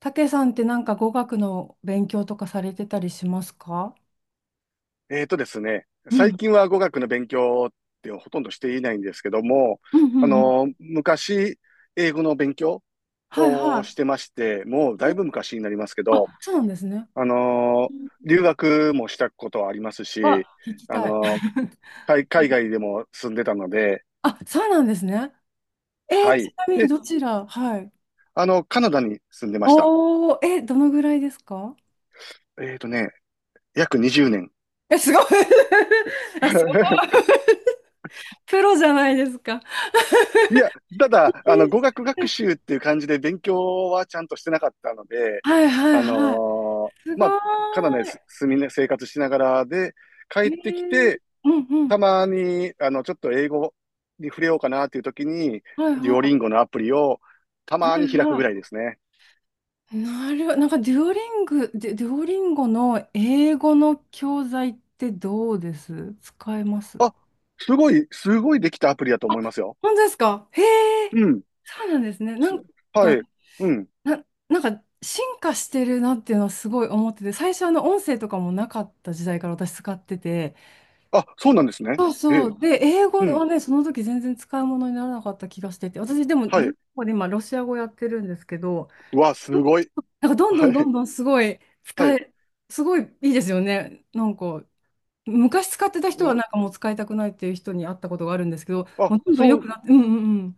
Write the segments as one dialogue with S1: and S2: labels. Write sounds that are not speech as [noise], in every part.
S1: たけさんってなんか語学の勉強とかされてたりしますか？
S2: えーとですね、
S1: う
S2: 最
S1: ん。
S2: 近は語学の勉強ってほとんどしていないんですけども、
S1: うん、うん、うん。
S2: 昔、英語の勉強
S1: はいは
S2: をし
S1: い。
S2: てまして、もうだいぶ昔になりますけど、
S1: あ、そうなんですね。
S2: あの、留学もしたことはあります
S1: あ、
S2: し、
S1: 聞き
S2: あ
S1: たい。
S2: の、
S1: [laughs]
S2: 海外でも住んでたので、
S1: あ、そうなんですね。
S2: は
S1: ち
S2: い。
S1: なみに
S2: で、
S1: どちら？はい。
S2: カナダに住んでました。
S1: おー、え、どのぐらいですか？
S2: えーとね、約20年。
S1: え、すごい。 [laughs] あ、すごい。
S2: [laughs]
S1: [laughs] プロじゃないですか。
S2: いや、ただ、語学学習っていう感じで勉強はちゃんとしてなかったので、
S1: はいはいはい。すご
S2: まあ、カナダに
S1: ー
S2: 住みね、生活しながらで、
S1: い。
S2: 帰
S1: へ
S2: ってき
S1: え。
S2: て、
S1: うんうん。
S2: たまに、ちょっと英語に触れようかなっていう時に、
S1: はい
S2: デ
S1: は
S2: ュオリン
S1: い。
S2: ゴのアプリをた
S1: はい
S2: まに開く
S1: は
S2: ぐらい
S1: い。
S2: ですね。
S1: なるほど。なんかデュオリンゴの英語の教材ってどうです？使えます？
S2: あ、すごい、すごいできたアプリだと
S1: あ、
S2: 思いますよ。
S1: 本当ですか？へえ、
S2: うん。
S1: そうなんですね。
S2: すは
S1: か、
S2: い。うん。
S1: なんか進化してるなっていうのはすごい思ってて、最初音声とかもなかった時代から私使ってて、
S2: あ、そうなんですね。
S1: そう
S2: え
S1: そ
S2: え。
S1: う。で、英語
S2: う
S1: は
S2: ん。
S1: ね、その時全然使い物にならなかった気がしてて、私でも
S2: は
S1: デオリ
S2: い。
S1: ンで今ロシア語やってるんですけど、
S2: うわ、すごい。
S1: なんかどんど
S2: は
S1: んどん
S2: い。
S1: どんすごい
S2: は
S1: 使
S2: い。
S1: え、すごいいいですよね。なんか昔使ってた人
S2: う
S1: は
S2: ん。
S1: なんかもう使いたくないっていう人に会ったことがあるんですけど、
S2: あ、
S1: もうどんどん
S2: そ
S1: 良く
S2: う、
S1: なって、うんうんうん。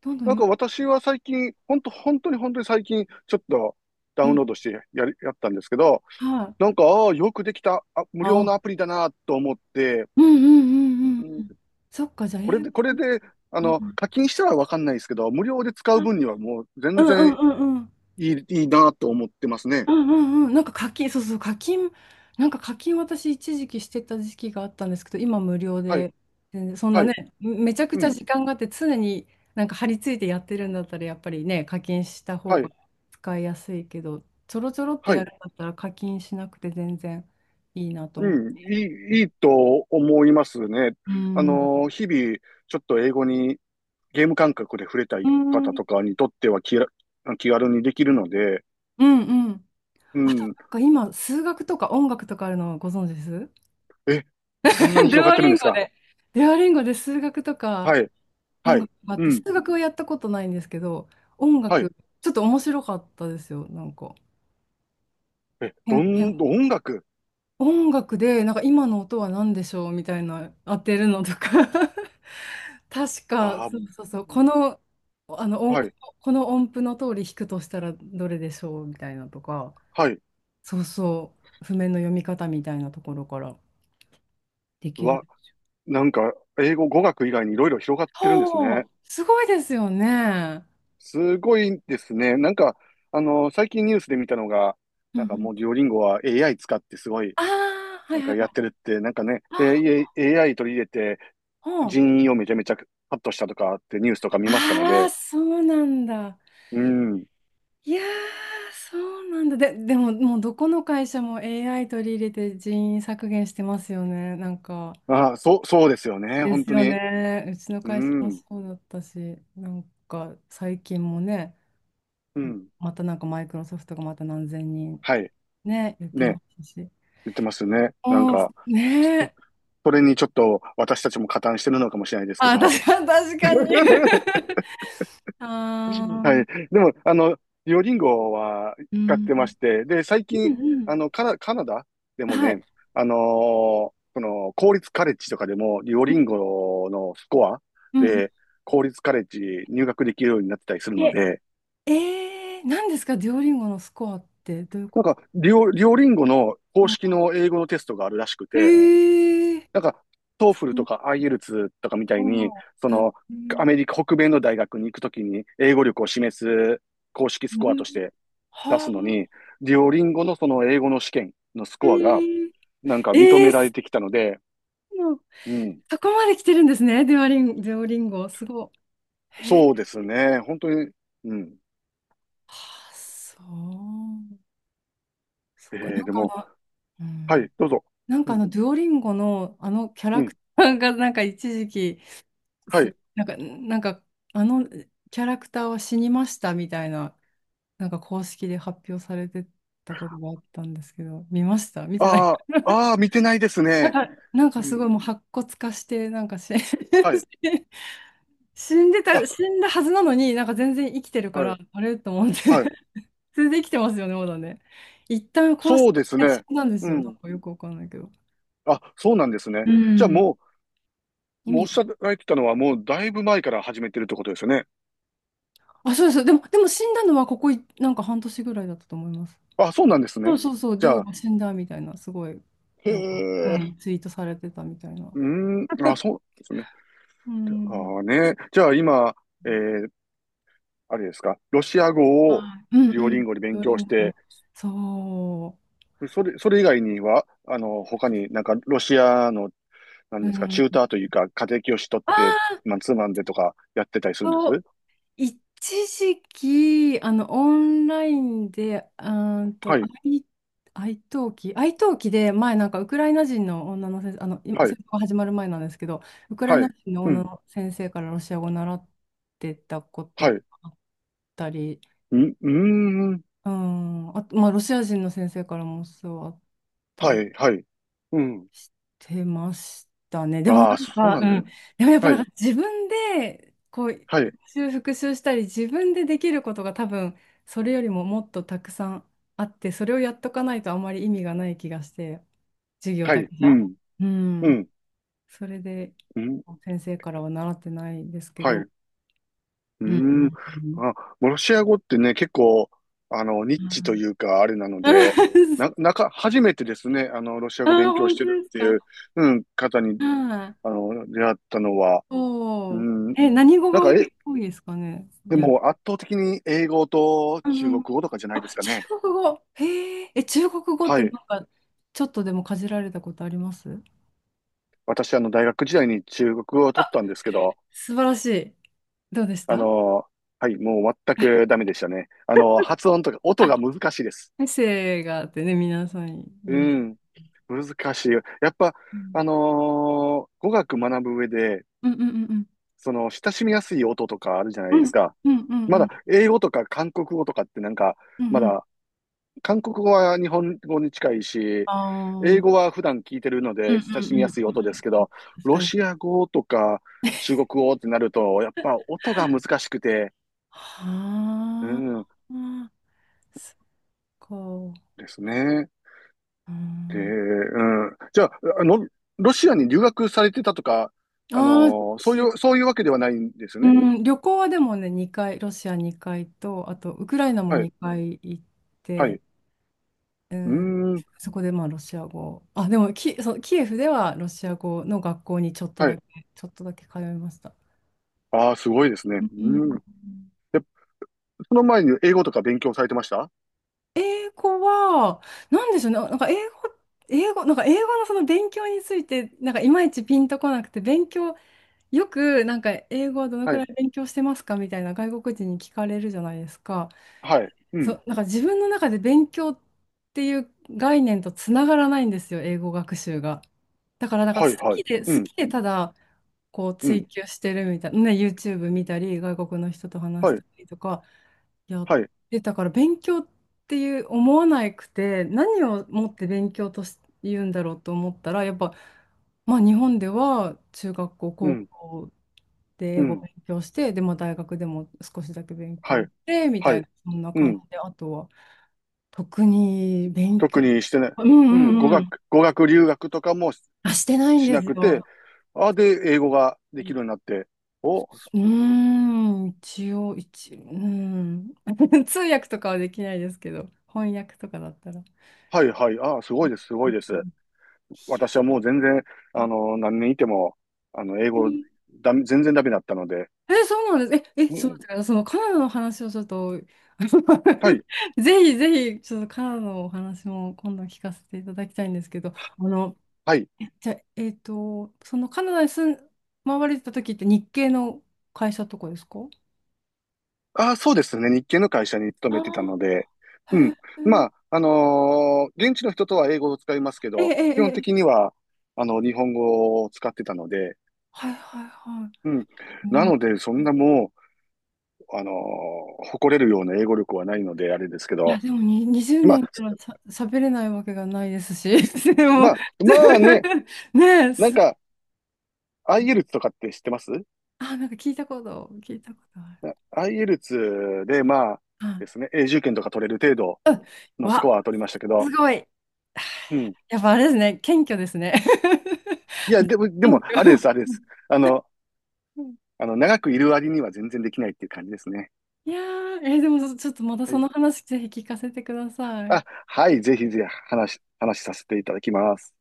S1: どんどん
S2: なん
S1: よ
S2: か
S1: く、
S2: 私は最近、ほんと、本当に本当に最近、ちょっとダ
S1: う
S2: ウンロ
S1: ん、
S2: ードしてやったんですけど、
S1: はい。
S2: なんか、ああ、よくできた、無料の
S1: あ、
S2: アプリだなと思って、
S1: うんう
S2: う
S1: んうんうんう
S2: ん、
S1: ん。そっか、じゃあ英語。
S2: これで、
S1: うん、
S2: 課金したらわかんないですけど、無料で使
S1: あ、
S2: う分にはもう全
S1: うんう
S2: 然
S1: んうんうん。
S2: いいなと思ってますね。
S1: うんうんうん。なんか課金、そうそう、課金、なんか課金私一時期してた時期があったんですけど、今無料
S2: はい、
S1: で、全然そんな
S2: は
S1: ね、
S2: い、
S1: めちゃくち
S2: う
S1: ゃ
S2: ん、
S1: 時間があって常になんか張り付いてやってるんだったらやっぱりね、課金した方
S2: は
S1: が
S2: い、
S1: 使いやすいけど、ちょろちょろって
S2: は
S1: や
S2: い、
S1: るんだったら課金しなくて全然いいなと
S2: う
S1: 思って。
S2: ん、いいと思いますね。
S1: うん。
S2: 日々、ちょっと英語にゲーム感覚で触れた
S1: う
S2: い方
S1: ん。
S2: とかにとっては気軽にできるので、
S1: うんうん。
S2: う
S1: あと
S2: ん、
S1: なんか今、数学とか音楽とかあるのご存知です？
S2: え、そんなに
S1: [laughs] デュ
S2: 広がっ
S1: オ
S2: てるん
S1: リン
S2: です
S1: ゴ
S2: か？
S1: で。デュオリンゴで数学とか。
S2: はい、
S1: 音
S2: はい、
S1: 楽があっ
S2: う
S1: て、数
S2: ん、
S1: 学はやったことないんですけど、音
S2: はい。
S1: 楽、ちょっと面白かったですよ、なんか。
S2: え、
S1: へんへん
S2: 音楽
S1: 音楽で、なんか今の音は何でしょうみたいな当てるのとか。 [laughs] 確か、
S2: あ
S1: そうそうそう、この、あの
S2: あ、
S1: 音、
S2: はい、
S1: この音符の通り弾くとしたらどれでしょうみたいなとか、
S2: はい。
S1: そうそう、譜面の読み方みたいなところからで
S2: う
S1: きる。
S2: わ、なんか、語学以外にいろいろ広がってるんです
S1: お
S2: ね。
S1: お、すごいですよね。
S2: すごいですね。なんか、最近ニュースで見たのが、
S1: うん
S2: な
S1: う
S2: んかも
S1: ん。
S2: うデュオリンゴは AI 使ってすごい、
S1: ああ、は
S2: な
S1: い
S2: ん
S1: はい
S2: か
S1: は
S2: やって
S1: い。
S2: るって、なんかね、
S1: あ、
S2: で、AI 取り入れて、
S1: うん。
S2: 人員をめちゃめちゃカットしたとかってニュースとか見ましたの
S1: ああ、
S2: で、
S1: そうなんだ。
S2: うん。
S1: いやー、そうなんだ。でも、もうどこの会社も AI 取り入れて人員削減してますよね。なんか、
S2: あ、そう、そうですよね。
S1: で
S2: 本
S1: す
S2: 当
S1: よ
S2: に。
S1: ね。うちの会
S2: う
S1: 社も
S2: ん。
S1: そうだったし、なんか最近もね、
S2: うん。
S1: またなんかマイクロソフトがまた何千人
S2: はい。
S1: ね、言って
S2: ね。
S1: ますし。
S2: 言ってますね。なん
S1: うん、
S2: か、
S1: ね
S2: そ
S1: え。
S2: それにちょっと私たちも加担してるのかもしれないですけ
S1: あ、
S2: ど。
S1: 確か確かに。
S2: [laughs]
S1: [laughs] あ
S2: [laughs] はい。
S1: あ、
S2: でも、デュオリンゴは
S1: う
S2: 使っ
S1: ん、
S2: てまして、で、最
S1: うん、
S2: 近、
S1: うん。
S2: カナダでも
S1: はい。
S2: ね、その、公立カレッジとかでも、デュオ
S1: う
S2: リ
S1: ん、
S2: ンゴのスコア
S1: うん。
S2: で、公立カレッジ入学できるようになってたりするの
S1: え、
S2: で、
S1: 何ですか、デュオリンゴのスコアってどういう
S2: な
S1: こ
S2: ん
S1: と？
S2: か、デュオリンゴの公式
S1: あ、
S2: の英語のテストがあるらしく
S1: え
S2: て、
S1: ー、
S2: なんか、トーフルとか IELTS とかみた
S1: あ、
S2: いに、その、
S1: え
S2: ア
S1: ー、
S2: メリカ北米の大学に行くときに英語力を示す公式
S1: え
S2: スコアと
S1: ー、
S2: して出
S1: はあ、
S2: すのに、デュオリンゴのその英語の試験のス
S1: え
S2: コアが
S1: ー、
S2: なんか認
S1: え
S2: め
S1: ー、
S2: られてきたので、
S1: そう、
S2: うん。
S1: そこまで来てるんですね、デュオリンゴ、すごい。えー、
S2: そうですね。本当に、うん。
S1: はあ、そう。そっ
S2: え
S1: か、なん
S2: で
S1: か
S2: も、
S1: う
S2: は
S1: ん、
S2: い、どうぞ。
S1: なん
S2: う
S1: か
S2: ん、
S1: デュオリンゴのキャ
S2: う
S1: ラ
S2: ん、
S1: クターが、なんか一時期、
S2: は
S1: す、
S2: い。
S1: なんか、なんか、あのキャラクターは死にましたみたいな。なんか公式で発表されてたことがあったんですけど、見ました？見てない？
S2: ああ、
S1: [laughs]
S2: ああ、見てないですね。
S1: なんか
S2: う
S1: すごい
S2: ん、
S1: もう白骨化して、なんかし。
S2: はい。
S1: [laughs]
S2: あ、
S1: 死んだはずなのに、なんか全然生きてるか
S2: はい、
S1: ら、あれと思って。
S2: はい。
S1: [laughs] 全然生きてますよね、まだね。一旦公式
S2: そうです
S1: で死
S2: ね。
S1: んだんです
S2: う
S1: よ。なん
S2: ん。
S1: かよくわかんないけど。
S2: あ、そうなんですね。
S1: う
S2: じゃあ
S1: ん。
S2: も
S1: 意
S2: う、もうお
S1: 味
S2: っしゃ
S1: が。
S2: られてたのはもうだいぶ前から始めてるってことですよね。
S1: あ、そうです。でも死んだのはここい、なんか半年ぐらいだったと思います。
S2: あ、そうなんです
S1: そ
S2: ね。
S1: うそうそう、デ
S2: じ
S1: ュ
S2: ゃ
S1: オ
S2: あ、
S1: が死んだみたいな、すごい、
S2: へ
S1: なんか、う
S2: え、
S1: ん、ツイートされてたみたいな。
S2: うーん、あ、そうですね。
S1: うん。
S2: ああね。じゃあ今、えー、あれですか、ロシア語を
S1: はい。うん
S2: デュオ
S1: う
S2: リン
S1: ん。
S2: ゴで勉
S1: 料理
S2: 強し
S1: 前ね。
S2: て、
S1: そ
S2: それ以外には、他になんかロシアの、なん
S1: う。う
S2: ですか、チ
S1: ん。
S2: ューターというか、家庭教師取って、まあツーマンでとかやってたりするんです？
S1: そう一時期、オンラインで、
S2: はい、
S1: 愛登記で、前、なんか、ウクライナ人の女の先生、今
S2: はい、
S1: 戦争が始まる前なんですけど、ウクライ
S2: は
S1: ナ
S2: い、
S1: 人の
S2: う
S1: 女
S2: ん、
S1: の先生からロシア語を習ってたこ
S2: は
S1: とが
S2: い、
S1: あったり、
S2: うん、うーん、
S1: うん、あと、まあ、ロシア人の先生からも教わっ
S2: は
S1: たり
S2: い、はい、うん。
S1: してました。
S2: ああ、そう
S1: あ、
S2: な
S1: う
S2: んだ
S1: ん。
S2: よ。
S1: でもやっぱ
S2: は
S1: な
S2: い、
S1: んか自分でこう
S2: は
S1: 予
S2: い、
S1: 習復習したり自分でできることが多分それよりももっとたくさんあって、それをやっとかないとあまり意味がない気がして、授業
S2: は
S1: だけ
S2: い、
S1: じ
S2: う
S1: ゃ。
S2: ん、
S1: う
S2: う
S1: ん。
S2: ん、
S1: それで
S2: うん、
S1: 先生からは習ってないですけ
S2: は
S1: ど。
S2: い。うー
S1: うん。
S2: ん。
S1: [laughs]
S2: あ、ロシア語ってね、結構、ニッ
S1: う
S2: チと
S1: ん。
S2: いうか、あれなので、
S1: [laughs] あ
S2: な、なか、初めてですね、ロシア
S1: あ、
S2: 語勉強
S1: 本
S2: し
S1: 当
S2: て
S1: で
S2: る
S1: す
S2: ってい
S1: か？
S2: う、うん、方に、
S1: はい。
S2: 出会ったのは、う
S1: おお。
S2: ん、
S1: え、何語
S2: なん
S1: が多
S2: か、
S1: い、多いですかね？
S2: でも、圧倒的に英語と
S1: う
S2: 中
S1: んう
S2: 国
S1: ん、
S2: 語とかじゃないで
S1: あ、
S2: すか
S1: 中
S2: ね。
S1: 国語。へえ、え、中国語っ
S2: は
S1: て
S2: い。
S1: なんか、ちょっとでもかじられたことあります？
S2: 私、大学時代に中国語を取ったんですけど、
S1: 素晴らしい。どうでし
S2: あ
S1: た？
S2: の、はい、もう全くダメでしたね。発音とか、音
S1: あ、
S2: が難しいです。
S1: エッセイがあってね、皆さん言
S2: う
S1: います。
S2: ん。難しいよ。やっぱ、
S1: うん
S2: 語学学ぶ上で、
S1: うんうんうん
S2: その、親しみやすい音とかあるじゃな
S1: う
S2: いで
S1: ん
S2: すか。
S1: うんうんうん
S2: ま
S1: う
S2: だ、
S1: ん
S2: 英語とか韓国語とかってなんか、
S1: うん
S2: ま
S1: うん、
S2: だ、韓国語は日本語に近いし、英語
S1: ああ、
S2: は普段聞いてるの
S1: うんう
S2: で
S1: ん
S2: 親
S1: うん
S2: し
S1: う
S2: み
S1: んう
S2: や
S1: ん、
S2: すい音ですけど、
S1: 確
S2: ロ
S1: かに。
S2: シア語とか中国語ってなると、やっぱ音が難しくて、う
S1: はあ、
S2: ん、
S1: そっか。
S2: ですね。
S1: う
S2: で、
S1: ん、
S2: うん。じゃあ、あの、ロシアに留学されてたとか、あ
S1: ああ、
S2: の
S1: ち、
S2: そういうわけではないんです
S1: う
S2: ね。
S1: ん、旅行はでもね、2回、ロシア2回と、あとウクライナも
S2: はい。
S1: 2回行っ
S2: はい。
S1: て、
S2: う
S1: え
S2: ー
S1: ー
S2: ん。
S1: そこでまあロシア語、あ、でもキ、そうキエフではロシア語の学校にちょっと
S2: は
S1: だ
S2: い。
S1: け、ちょっとだけ通いました。
S2: ああ、すごいですね。
S1: う
S2: うーん。
S1: ん。
S2: で、その前に英語とか勉強されてました？
S1: 英語は、なんでしょうね、なんか英語、英語、なんか英語のその勉強について、なんかいまいちピンとこなくて、勉強、よくなんか英語はどのく
S2: は
S1: らい
S2: い。
S1: 勉強してますかみたいな外国人に聞かれるじゃないですか。
S2: はい。う
S1: そ
S2: ん。
S1: う、なんか自分の中で勉強っていう概念とつながらないんですよ、英語学習が。だからなんか
S2: はい、はい。う
S1: 好
S2: ん。
S1: きでただ、こう
S2: うん。
S1: 追求してるみたいな、ね、YouTube 見たり、外国の人と話し
S2: はい。
S1: たりとかやっ
S2: はい。
S1: てたから、勉強っていう思わなくて、何をもって勉強とし言うんだろうと思ったら、やっぱ、まあ、日本では中学校、
S2: う
S1: 高
S2: ん。
S1: 校で英
S2: う
S1: 語
S2: ん。
S1: 勉強して、で、まあ、大学でも少しだけ勉
S2: は
S1: 強
S2: い。
S1: して、み
S2: は
S1: たい
S2: い。
S1: な、そんな
S2: う
S1: 感
S2: ん。
S1: じで、あとは、特に勉強、
S2: 特にしてない。
S1: うん
S2: う
S1: う
S2: ん。
S1: んうん、
S2: 語学留学とか
S1: あ、してないん
S2: し
S1: で
S2: な
S1: す
S2: くて、
S1: よ。
S2: ああ、で、英語ができるようになって、お、
S1: うーん、一応、うーん。[laughs] 通訳とかはできないですけど、翻訳とかだったら。
S2: はいはい。ああ、すごいです、す
S1: う
S2: ごいです。
S1: ん。
S2: 私はもう全然、何年いても、英語、
S1: い
S2: 全然ダメだったので。
S1: や、え、そうなんです。
S2: う
S1: そう
S2: ん、
S1: だから、そのカナダの話をちょっと、
S2: はい、
S1: [laughs] ぜひぜひ、ちょっとカナダのお話も今度聞かせていただきたいんですけど、
S2: はい。
S1: じゃあ、えっと、そのカナダに住ん、回られてた時って日系の会社とかですか？
S2: ああ、そうですね。日系の会社に勤めてたの
S1: あ
S2: で。
S1: あ
S2: う
S1: ー、
S2: ん。まあ、現地の人とは英語を使いますけ
S1: へえ、
S2: ど、
S1: え
S2: 基本
S1: え、え
S2: 的
S1: え。
S2: には、日本語を使ってたので。
S1: はいはいはい。
S2: うん。なので、そんなもう、誇れるような英語力はないので、あれですけ
S1: い
S2: ど。
S1: や、でもに20
S2: まあ、
S1: 年いたらさ、喋れないわけがないですし、[laughs] で
S2: ま
S1: も、
S2: あ、まあね、
S1: [laughs] ねえ、
S2: なん
S1: す、
S2: か、IELTS とかって知ってます？
S1: あ、なんか聞いたこと、聞いたことある。
S2: IELTS で、まあですね、永住権とか取れる程度
S1: あ、うん、
S2: のスコ
S1: わ、
S2: アは取りましたけど、
S1: すごい。
S2: うん。
S1: [sighs] やっぱあれですね、謙虚ですね。
S2: いや、
S1: [laughs]
S2: で
S1: 謙
S2: も、あれで
S1: 虚。
S2: す、あれです。あの、長くいる割には全然できないっていう感じですね。
S1: いやー、でもちょっとまた
S2: は
S1: そ
S2: い。
S1: の話ぜひ聞かせてください。
S2: あ、はい、ぜひぜひ話させていただきます。